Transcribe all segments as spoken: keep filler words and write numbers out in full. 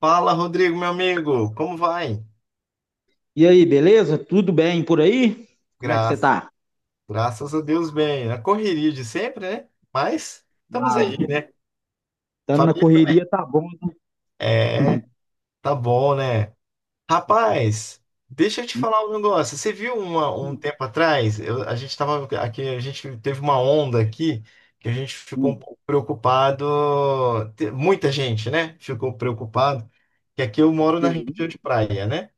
Fala, Rodrigo, meu amigo, como vai? E aí, beleza? Tudo bem por aí? Como é que você Graças, tá? graças a Deus, bem. A correria de sempre, né? Mas estamos aí, Ah, né? estamos na Família também. correria, tá bom, né? É, tá bom, né? Rapaz, deixa eu te falar um negócio. Você viu uma- um Hum, tempo atrás, eu- a gente tava aqui, a gente teve uma onda aqui que a gente ficou um hum, pouco preocupado. te- Muita gente, né? Ficou preocupado. Que aqui eu do moro que na região isso? de praia, né?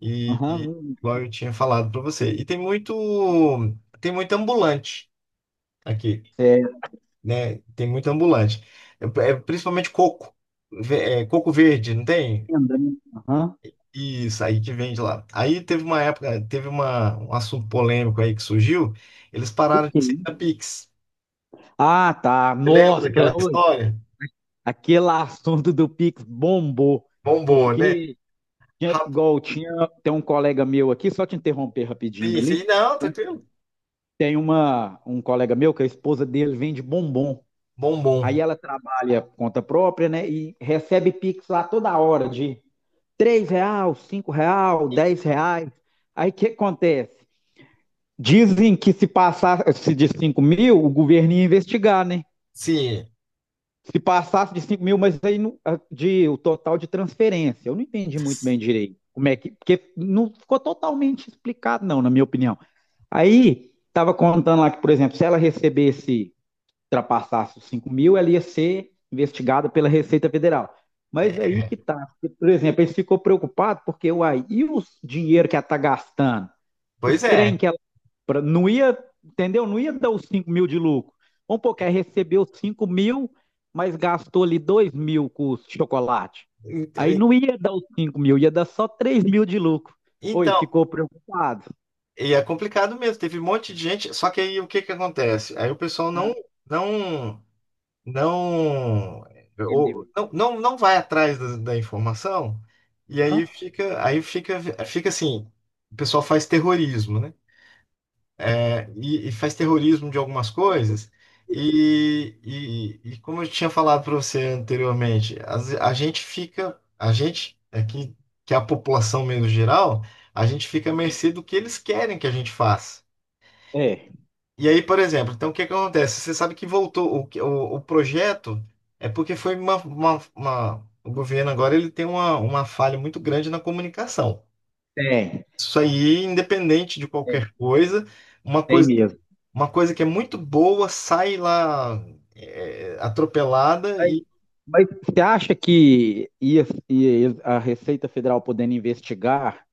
E, Aham, e hum, igual eu tinha falado para você. E tem muito, tem muito ambulante aqui, é, né? Tem muito ambulante. É, é principalmente coco, ve- é, coco verde, não tem? renda, né? Aham, Isso aí que vende lá. Aí teve uma época, teve uma, um assunto polêmico aí que surgiu. Eles do pararam que de isso? aceitar Pix. Ah, tá. Você lembra Nossa, daquela oi, história? aquele assunto do Pix bombou, Bombou, né? porque tinha- igual tinha, tem um colega meu aqui, só te interromper rapidinho ali. Rapidíssimo. E não, Então, tranquilo. tem uma, um colega meu que a esposa dele vende bombom. Aí Bombom. ela trabalha por conta própria, né? E recebe Pix lá toda hora de três reais, cinco reais, dez reais. Aí o que acontece? Dizem que se passasse de cinco mil, o governo ia investigar, né? Sim. Se passasse de cinco mil, mas aí no, de, o total de transferência. Eu não entendi muito bem direito como é que. Porque não ficou totalmente explicado, não, na minha opinião. Aí estava contando lá que, por exemplo, se ela recebesse ultrapassasse os cinco mil, ela ia ser investigada pela Receita Federal. Mas é aí que tá. Porque, por exemplo, eles ficou preocupado porque uai, e os dinheiro que ela tá gastando? Os Pois trem é. que ela compra, não ia, entendeu? Não ia dar os cinco mil de lucro. Vamos pôr que ela recebeu cinco mil, mas gastou ali dois mil com o chocolate. Ent- Aí não ia dar os cinco mil, ia dar só três mil de lucro. Oi, Então, ficou preocupado. e é complicado mesmo, teve um monte de gente, só que aí o que que acontece? Aí o pessoal não Ah, não não ou, entendeu? não, não, não vai atrás da, da informação, e aí Hã? fica aí fica fica assim, o pessoal faz terrorismo, né? É, e, e faz terrorismo de algumas coisas e, e, e como eu tinha falado para você anteriormente, as- a, gente fica a gente aqui que é a população menos geral, a gente fica à mercê do que eles querem que a gente faça. É, E aí, por exemplo, então o que é que acontece? Você sabe que voltou o, que- o, o projeto, é porque foi uma, uma, uma- o governo agora, ele tem uma, uma falha muito grande na comunicação. tem, Isso aí, independente de tem, qualquer coisa, uma tem coisa, mesmo. uma coisa que é muito boa sai lá é, atropelada e, Mas você acha que ia- ia- a Receita Federal podendo investigar,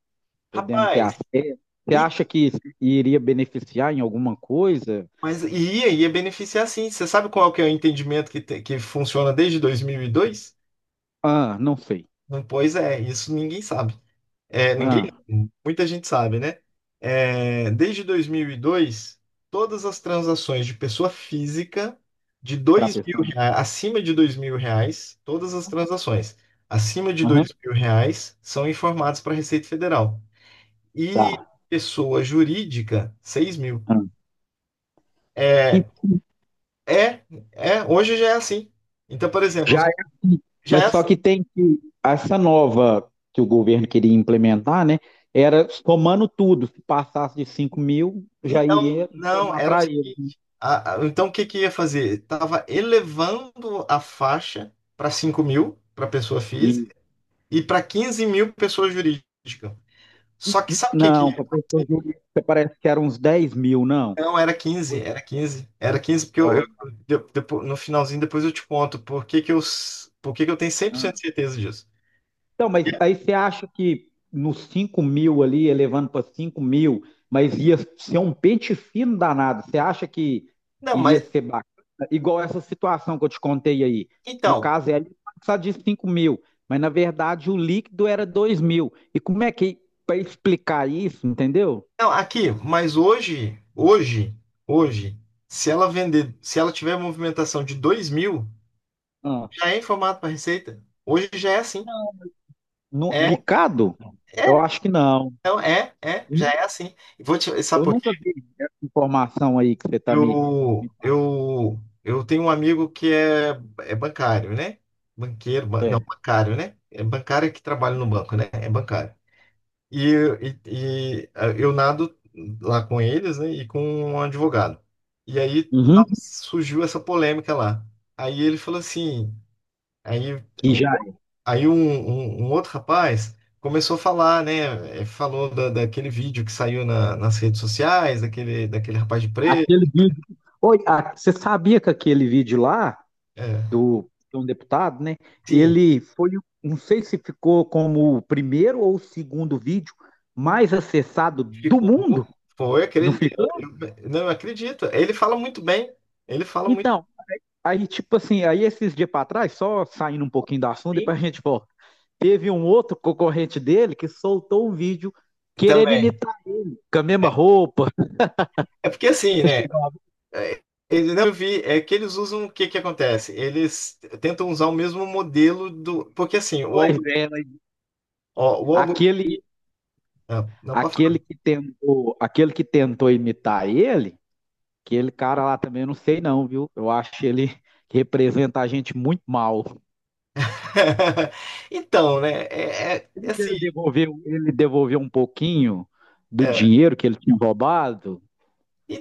podendo ter rapaz, acesso, você e, acha que isso iria beneficiar em alguma coisa? mas e aí ia beneficiar, sim. Você sabe qual que é o entendimento que, te- que funciona desde dois mil e dois? Ah, não sei. Não, pois é, isso ninguém sabe. É, ninguém, Ah, muita gente sabe, né? É, desde dois mil e dois, todas as transações de pessoa física de para a dois mil pessoa. reais, acima de dois mil reais, todas as transações acima de dois Aham, mil reais são informadas para a Receita Federal. E tá. pessoa jurídica, seis mil. Ah. E É, é, é, hoje já é assim. Então, por exemplo, já, já é mas só assim. que tem que essa nova que o governo queria implementar, né? Era somando tudo. Se passasse de cinco mil, já Então, iria não, informar era o para ele. seguinte, a- a- então, o que que ia fazer? Tava elevando a faixa para cinco mil para pessoa E, física e para quinze mil pessoa jurídica. Só que sabe o que que... não, para pessoa jurídica parece que era uns dez mil, não. Não, era quinze era quinze era quinze porque eu, eu- Pois. de- depo- no finalzinho depois eu te conto por que que eu, s- por que que eu tenho cem por Ah. cento de certeza disso. Então, mas aí você acha que nos cinco mil ali, elevando para cinco mil, mas ia ser um pente fino danado. Você acha que Não, iria mas, ser bacana? Igual essa situação que eu te contei aí. No então, caso, ele passar de cinco mil, mas na verdade o líquido era dois mil. E como é que, para explicar isso, entendeu? não, aqui, mas hoje, hoje, hoje, se ela vender, se ela tiver movimentação de dois mil, Ah, já é em formato para receita. Hoje já é assim. no, É, No- picado? Eu é, acho que não. então é, é, já é assim. E vou te... sabe Eu por nunca quê? vi essa informação aí que você está me, me Eu, passando. eu, eu tenho um amigo que é, é bancário, né? Banqueiro, ban- não, É. bancário, né? É bancário que trabalha no banco, né? É bancário. E, e, e ah, eu nado lá com eles, né? E com um advogado. E aí tava- Uhum. surgiu essa polêmica lá. Aí ele falou assim, aí... Que já. Aí um, um- um outro rapaz começou a falar, né? eh, Falou da, daquele vídeo que saiu na- nas redes sociais, daquele, daquele rapaz de preto. Aquele vídeo. Oi, a- você sabia que aquele vídeo lá É, do de um deputado, né? sim, Ele foi, o- não sei se ficou como o primeiro ou o segundo vídeo mais acessado do ficou. mundo, Foi, não acredito. Eu, ficou? eu- não, eu acredito. Ele fala muito bem. Ele fala muito Então, aí tipo assim, aí esses dias para trás, só saindo um pouquinho do assunto, bem depois a gente volta. Teve um outro concorrente dele que soltou um vídeo querendo também. imitar com a É, mesma roupa. é porque assim, Você né? chegou a- eh, Ele não, eu vi, é que eles usam... o que que acontece? Eles tentam usar o mesmo modelo do... Porque assim, o, Pois algo- é, mas ó, o algoritmo. aquele ah, Não, não pode aquele falar. que tentou, aquele que tentou imitar ele. Aquele cara lá também eu não sei não, viu? Eu acho ele que representa a gente muito mal. Então, né? É, é- é Sendo que ele assim, devolveu, ele devolveu um pouquinho do é, dinheiro que ele tinha roubado.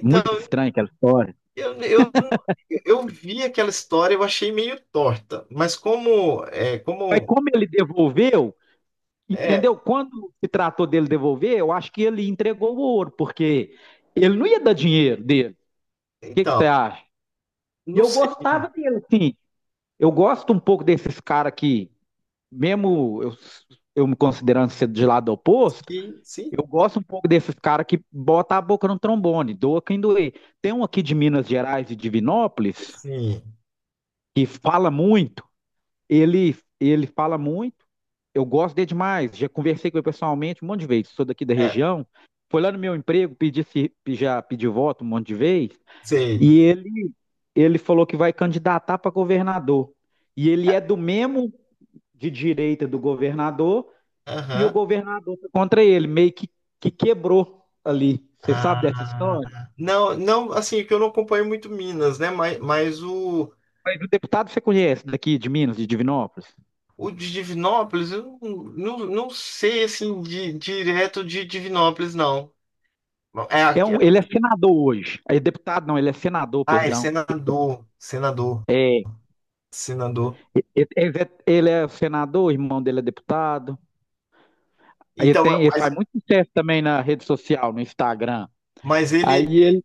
Muito estranha aquela história. eu, eu, eu vi aquela história, eu achei meio torta, mas como, é, Mas como, como ele devolveu, é, entendeu? Quando se tratou dele devolver, eu acho que ele entregou o ouro, porque ele não ia dar dinheiro dele. O que, que então, você acha? E não eu sei, sim, gostava dele, sim. Eu gosto um pouco desses caras que, mesmo eu, eu me considerando ser de lado oposto, sim, eu gosto um pouco desses caras que botam a boca no trombone, doa quem doer. Tem um aqui de Minas Gerais e Divinópolis sim, que fala muito, ele, ele fala muito, eu gosto dele demais, já conversei com ele pessoalmente um monte de vezes, sou daqui da é, região, foi lá no meu emprego, pedi, se- já pedi voto um monte de vezes, sei, e ele, ele falou que vai candidatar para governador. E ele é do mesmo de direita do governador, e o aham. governador foi contra ele, meio que, que quebrou ali. Você sabe dessa Ah, história? não, não, assim, que eu não acompanho muito Minas, né, mas, mas o Mas o deputado você conhece daqui de Minas, de Divinópolis? o de Divinópolis, eu não, não, não sei, assim, de, direto de Divinópolis, não, é, É aqui- um, ele é senador hoje. É deputado, não, ele é senador, ah, é perdão. senador, senador, senador, Ele, ele é, ele é senador, o irmão dele é deputado. Aí ele então. tem, ele faz muito sucesso também na rede social, no Instagram. Mas ele, Aí ele.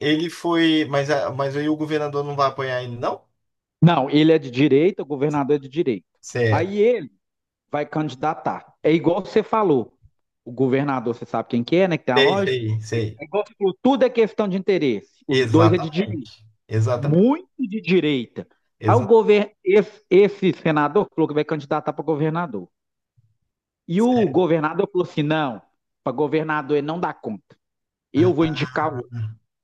ele foi. Mas, a- mas aí o governador não vai apoiar ele, não? Não, ele é de direita, o governador é de direita. Certo. Aí ele vai candidatar. É igual você falou. O governador, você sabe quem que é, né? Que tem a Sei, loja. sei, sei. É igual você falou, tudo é questão de interesse. Os dois é de direita, Exatamente. Exatamente. muito de direita. Aí o Exa- governo, esse, esse senador falou que vai candidatar para governador. E o certo. governador falou assim: não, para governador ele não dá conta. Eu vou indicar o Ah, outro.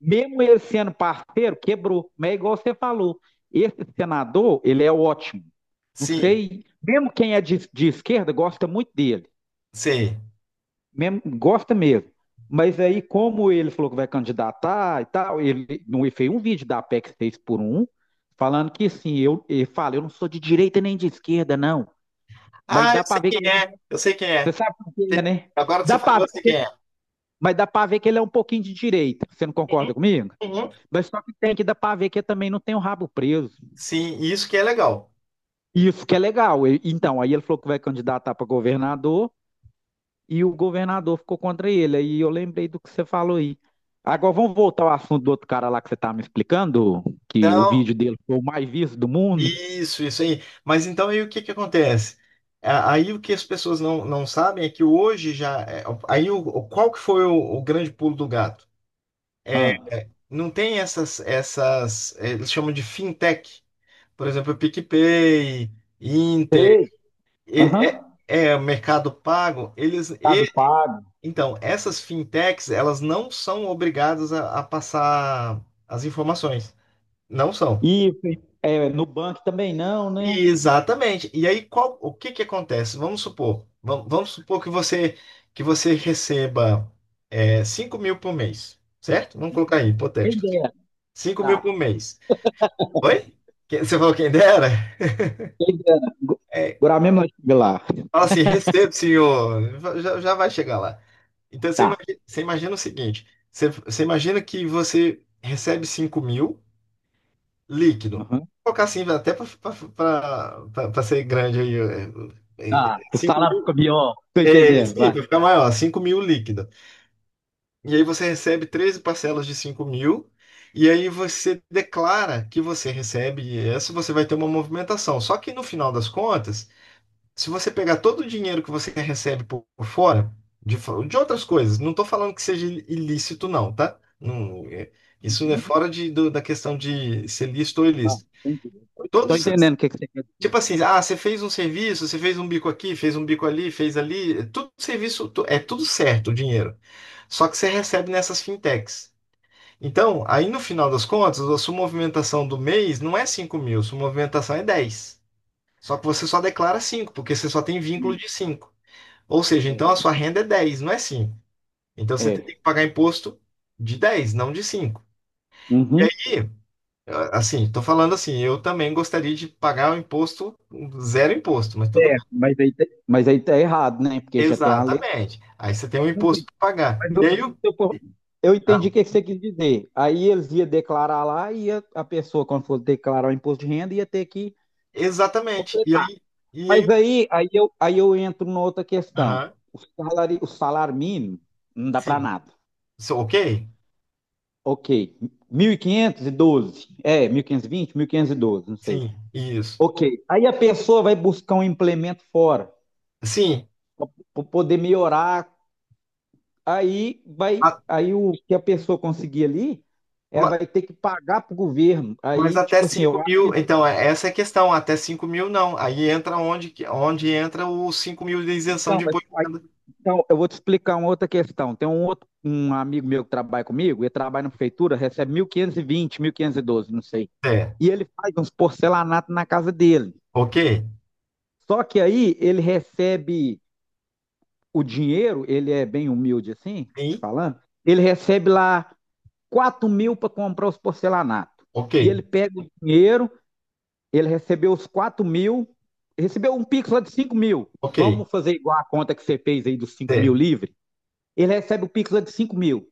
Mesmo ele sendo parceiro, quebrou. Mas é igual você falou: esse senador, ele é ótimo. Não sim, sei, mesmo quem é de, de esquerda gosta muito dele. sei. Mesmo, gosta mesmo. Mas aí, como ele falou que vai candidatar e tal, ele, não, ele fez um vídeo da P E C seis por um falando que assim, eu, ele fala, eu não sou de direita nem de esquerda, não. Mas Ah, dá eu pra sei ver quem que ele. é. Eu sei quem Você é. sabe por quê, né? Agora que Dá você pra falou, eu sei ver, quem é. mas dá pra ver que ele é um pouquinho de direita. Você não concorda comigo? Uhum. Mas só que tem que dar pra ver que ele também não tem o rabo preso. Sim, isso que é legal. Isso que é legal. E- Então, aí ele falou que vai candidatar pra governador, e o governador ficou contra ele. Aí eu lembrei do que você falou aí. Agora vamos voltar ao assunto do outro cara lá que você estava me explicando, que o Então, vídeo dele foi o mais visto do mundo. isso, isso aí. Mas então aí o que que acontece? A- Aí o que as pessoas não, não sabem é que hoje já é. Aí o, qual que foi o o grande pulo do gato? Ah, Não tem essas, essas, eh, eles chamam de fintech. Por exemplo, PicPay, Inter, sei. é, é, Aham. é, Mercado Pago, eles, e- Mercado Pago. então, essas fintechs, elas não são obrigadas a, a passar as informações. Não são. Isso. Hein? É, Nubank também não, né? E exatamente. E aí, qual, o que que acontece? Vamos supor, vam- vamos supor que você, que você receba, é, 5 mil por mês, certo? Vamos colocar Uhum. aí, Quem hipotético. dera. cinco mil por Tá. mês. Oi? Quem- Você falou quem dera? Quem dera. Go- É, Agora mesmo nós chega lá. fala assim, recebo, senhor. Já, já vai chegar lá. Então, você Tá. imagina, você imagina o seguinte: você, você imagina que você recebe cinco mil líquido. Uhum. Vou colocar assim, até para ser grande aí. é, é, Tá. O 5 salário mil. fica pior. Tô É, entendendo, sim, vai. para ficar maior, cinco mil líquido. E aí você recebe treze parcelas de cinco mil, e aí você declara que você recebe essa, você vai ter uma movimentação. Só que no final das contas, se você pegar todo o dinheiro que você recebe por, por fora, de, fo- de outras coisas, não estou falando que seja ilícito, não, tá? Não, é- isso é Uhum. fora de, do- da questão de ser lícito ou Tá. ilícito. Tô entendendo. Tô Todos, entendendo o que que você quer dizer. tipo assim, ah, você fez um serviço, você fez um bico aqui, fez um bico ali, fez ali, é tudo serviço, tu- é tudo certo, o dinheiro. Só que você recebe nessas fintechs. Então, aí no final das contas, a sua movimentação do mês não é cinco mil, sua movimentação é dez. Só que você só declara Tá. cinco, porque você só tem vínculo Uhum. de cinco. Ou seja, É. então a sua renda é dez, não é cinco. Então você tem É. que pagar imposto de dez, não de cinco. Uhum. E, ah, assim, estou falando assim, eu também gostaria de pagar o imposto, zero imposto, mas tudo É, bem. mas aí, tá- mas aí tá errado, né? Porque já tem a lei pra Exatamente. Aí você tem um imposto cumprir. para pagar. Mas E eu, aí, se o- eu for- eu entendi ah, o que que você quis dizer. Aí eles iam declarar lá e ia- a pessoa, quando fosse declarar o imposto de renda, ia ter que exatamente. E completar. aí, e Mas aí, aí, aí, eu, aí eu entro numa outra questão. aham, O salário, o salário mínimo não dá para sim. nada. So, ok? Ok. Mil e e quinhentos e doze. É, mil mil quinhentos quinhentos e vinte, mil quinhentos e doze, não sei. Sim, isso. Ok. Aí a pessoa vai buscar um implemento fora, Sim, para poder melhorar. Aí vai, a- aí o que a pessoa conseguir ali, ela ma- vai ter que pagar para o governo. mas Aí, até tipo assim, eu cinco acho mil, que. então, é- essa é a questão, até cinco mil não. Aí entra onde, que- onde entra os cinco mil de isenção Então, de mas- imposto. aí- então, eu vou te explicar uma outra questão. Tem um outro, um amigo meu que trabalha comigo, ele trabalha na prefeitura, recebe mil mil quinhentos quinhentos e vinte mil quinhentos e doze não sei. T, E ele faz uns porcelanatos na casa dele. ok, Só que aí ele recebe o dinheiro, ele é bem humilde assim, te sim, falando, ele recebe lá quatro mil para comprar os porcelanatos. ok, E ele pega o dinheiro. Ele recebeu os quatro mil, recebeu um Pix lá de cinco mil. ok, Vamos fazer igual a conta que você fez aí dos cinco mil T, livre? Ele recebe o Pix lá de cinco mil.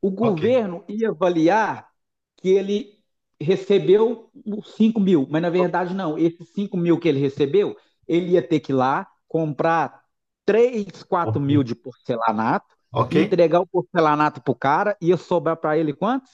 O ok, governo ia avaliar que ele recebeu os cinco mil, mas na o- verdade não. Esses cinco mil que ele recebeu, ele ia ter que ir lá comprar três, quatro mil ok, de porcelanato, ok, e entregar o porcelanato pro cara, ia sobrar para ele quantos?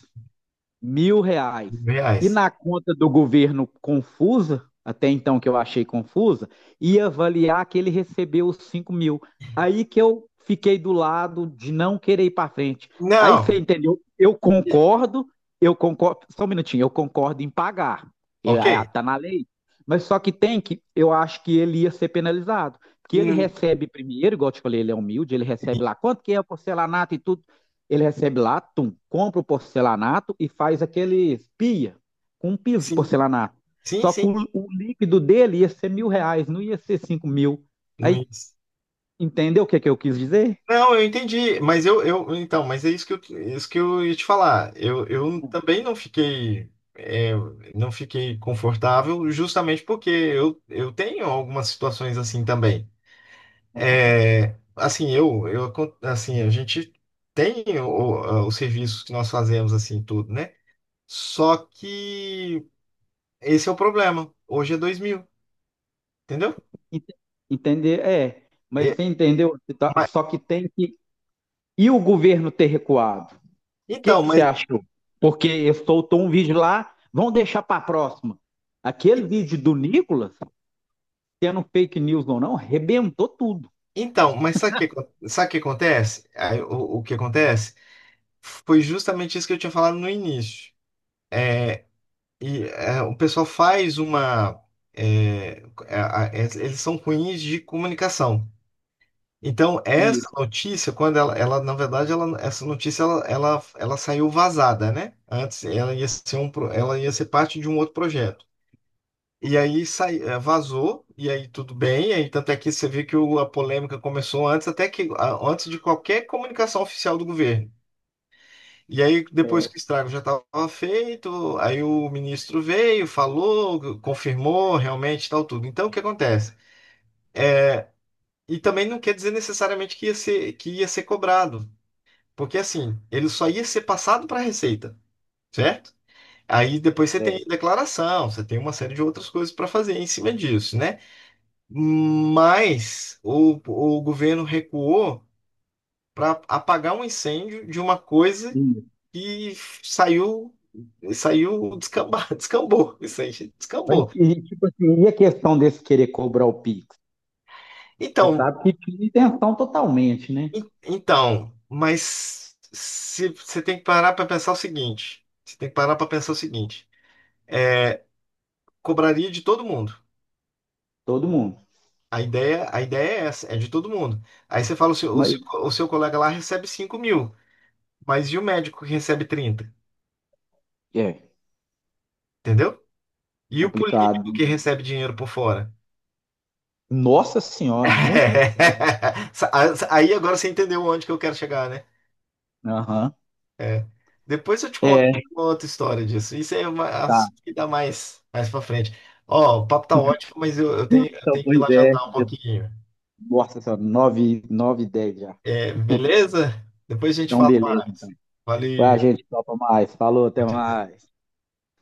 Mil reais. mil E reais. na conta do governo confusa, até então que eu achei confusa, ia avaliar que ele recebeu os cinco mil. Aí que eu fiquei do lado de não querer ir para frente. Aí você Não, entendeu? Eu e- concordo, eu concordo. Só um minutinho, eu concordo em pagar. ok, Está na lei. Mas só que tem que, eu acho que ele ia ser penalizado. Que ele hum, recebe primeiro, igual eu te falei, ele é humilde, ele recebe lá quanto que é o porcelanato e tudo. Ele recebe lá, tum, compra o porcelanato e faz aquele pia com um piso de sim, porcelanato. sim, Só que sim, o, o líquido dele ia ser mil reais, não ia ser cinco mil. Aí, Luiz. entendeu o que, que eu quis dizer? Não, eu entendi, mas eu, eu, então, mas é isso que eu, isso que eu ia te falar. Eu, eu também não fiquei, é, não fiquei confortável, justamente porque eu, eu tenho algumas situações assim também. Aham. É, assim, eu, eu, acon- assim, a gente tem o- os serviços que nós fazemos, assim, tudo, né? Só que esse é o problema. Hoje é dois mil, entendeu? Ent- Entender, é. Mas É, você entendeu? Tá- mas- Só que tem que. E o governo ter recuado? O que então, que você mas, achou? Porque eu soltou um vídeo lá, vão deixar para a próxima. Aquele e- vídeo do Nicolas, sendo fake news ou não, arrebentou tudo. então, mas sabe o que, acon- sabe o que acontece? Aí, O, o que acontece? Foi justamente isso que eu tinha falado no início. É, e, é, o pessoal faz uma... é, a- a- eles são ruins de comunicação. Então, essa Isso, notícia, quando ela, ela, na verdade, ela, essa notícia ela, ela, ela saiu vazada, né? Antes ela ia ser um, pro- ela ia ser parte de um outro projeto. E aí sai, eh, vazou, e aí tudo bem, e aí tanto é que você vê que o- a polêmica começou antes, até que a- antes de qualquer comunicação oficial do governo. E aí, depois é, que o estrago já estava feito, aí o ministro veio, falou, confirmou realmente tal, tudo. Então, o que acontece? E também não quer dizer necessariamente que ia ser, que ia ser cobrado. Porque assim, ele só ia ser passado para a Receita, certo? Aí depois você é. tem declaração, você tem uma série de outras coisas para fazer em cima disso, né? Mas o, o governo recuou para apagar um incêndio de uma coisa Sim. que saiu, saiu descambar, descambou, isso aí Mas, descambou. e, tipo assim, e a questão desse querer cobrar o Pix? Você Então, sabe que tinha intenção totalmente, né? en- então, mas se- você tem que parar para pensar o seguinte, você tem que parar para pensar o seguinte, é, cobraria de todo mundo. Todo mundo. A ideia, a ideia é essa, é de todo mundo. Aí você fala, o seu, o seu, Mas o seu colega lá recebe cinco mil, mas e o médico que recebe trinta, é entendeu? E o complicado. político que recebe dinheiro por fora? Nossa senhora, muito por fora. Sa- a- Aí agora você entendeu onde que eu quero chegar, né? Aham. É. Depois eu te conto É, uma outra história disso. Isso é uma assunto tá. que dá mais, mais pra frente. Ó, o papo tá ótimo, mas eu, eu tenho, eu Então, tenho que ir pois lá é. jantar um já- pouquinho. Nossa senhora, nove 9 e dez já. É, beleza? Depois a gente Então, fala beleza. Então. mais. Vai, Valeu. gente, topa mais. Falou, até mais.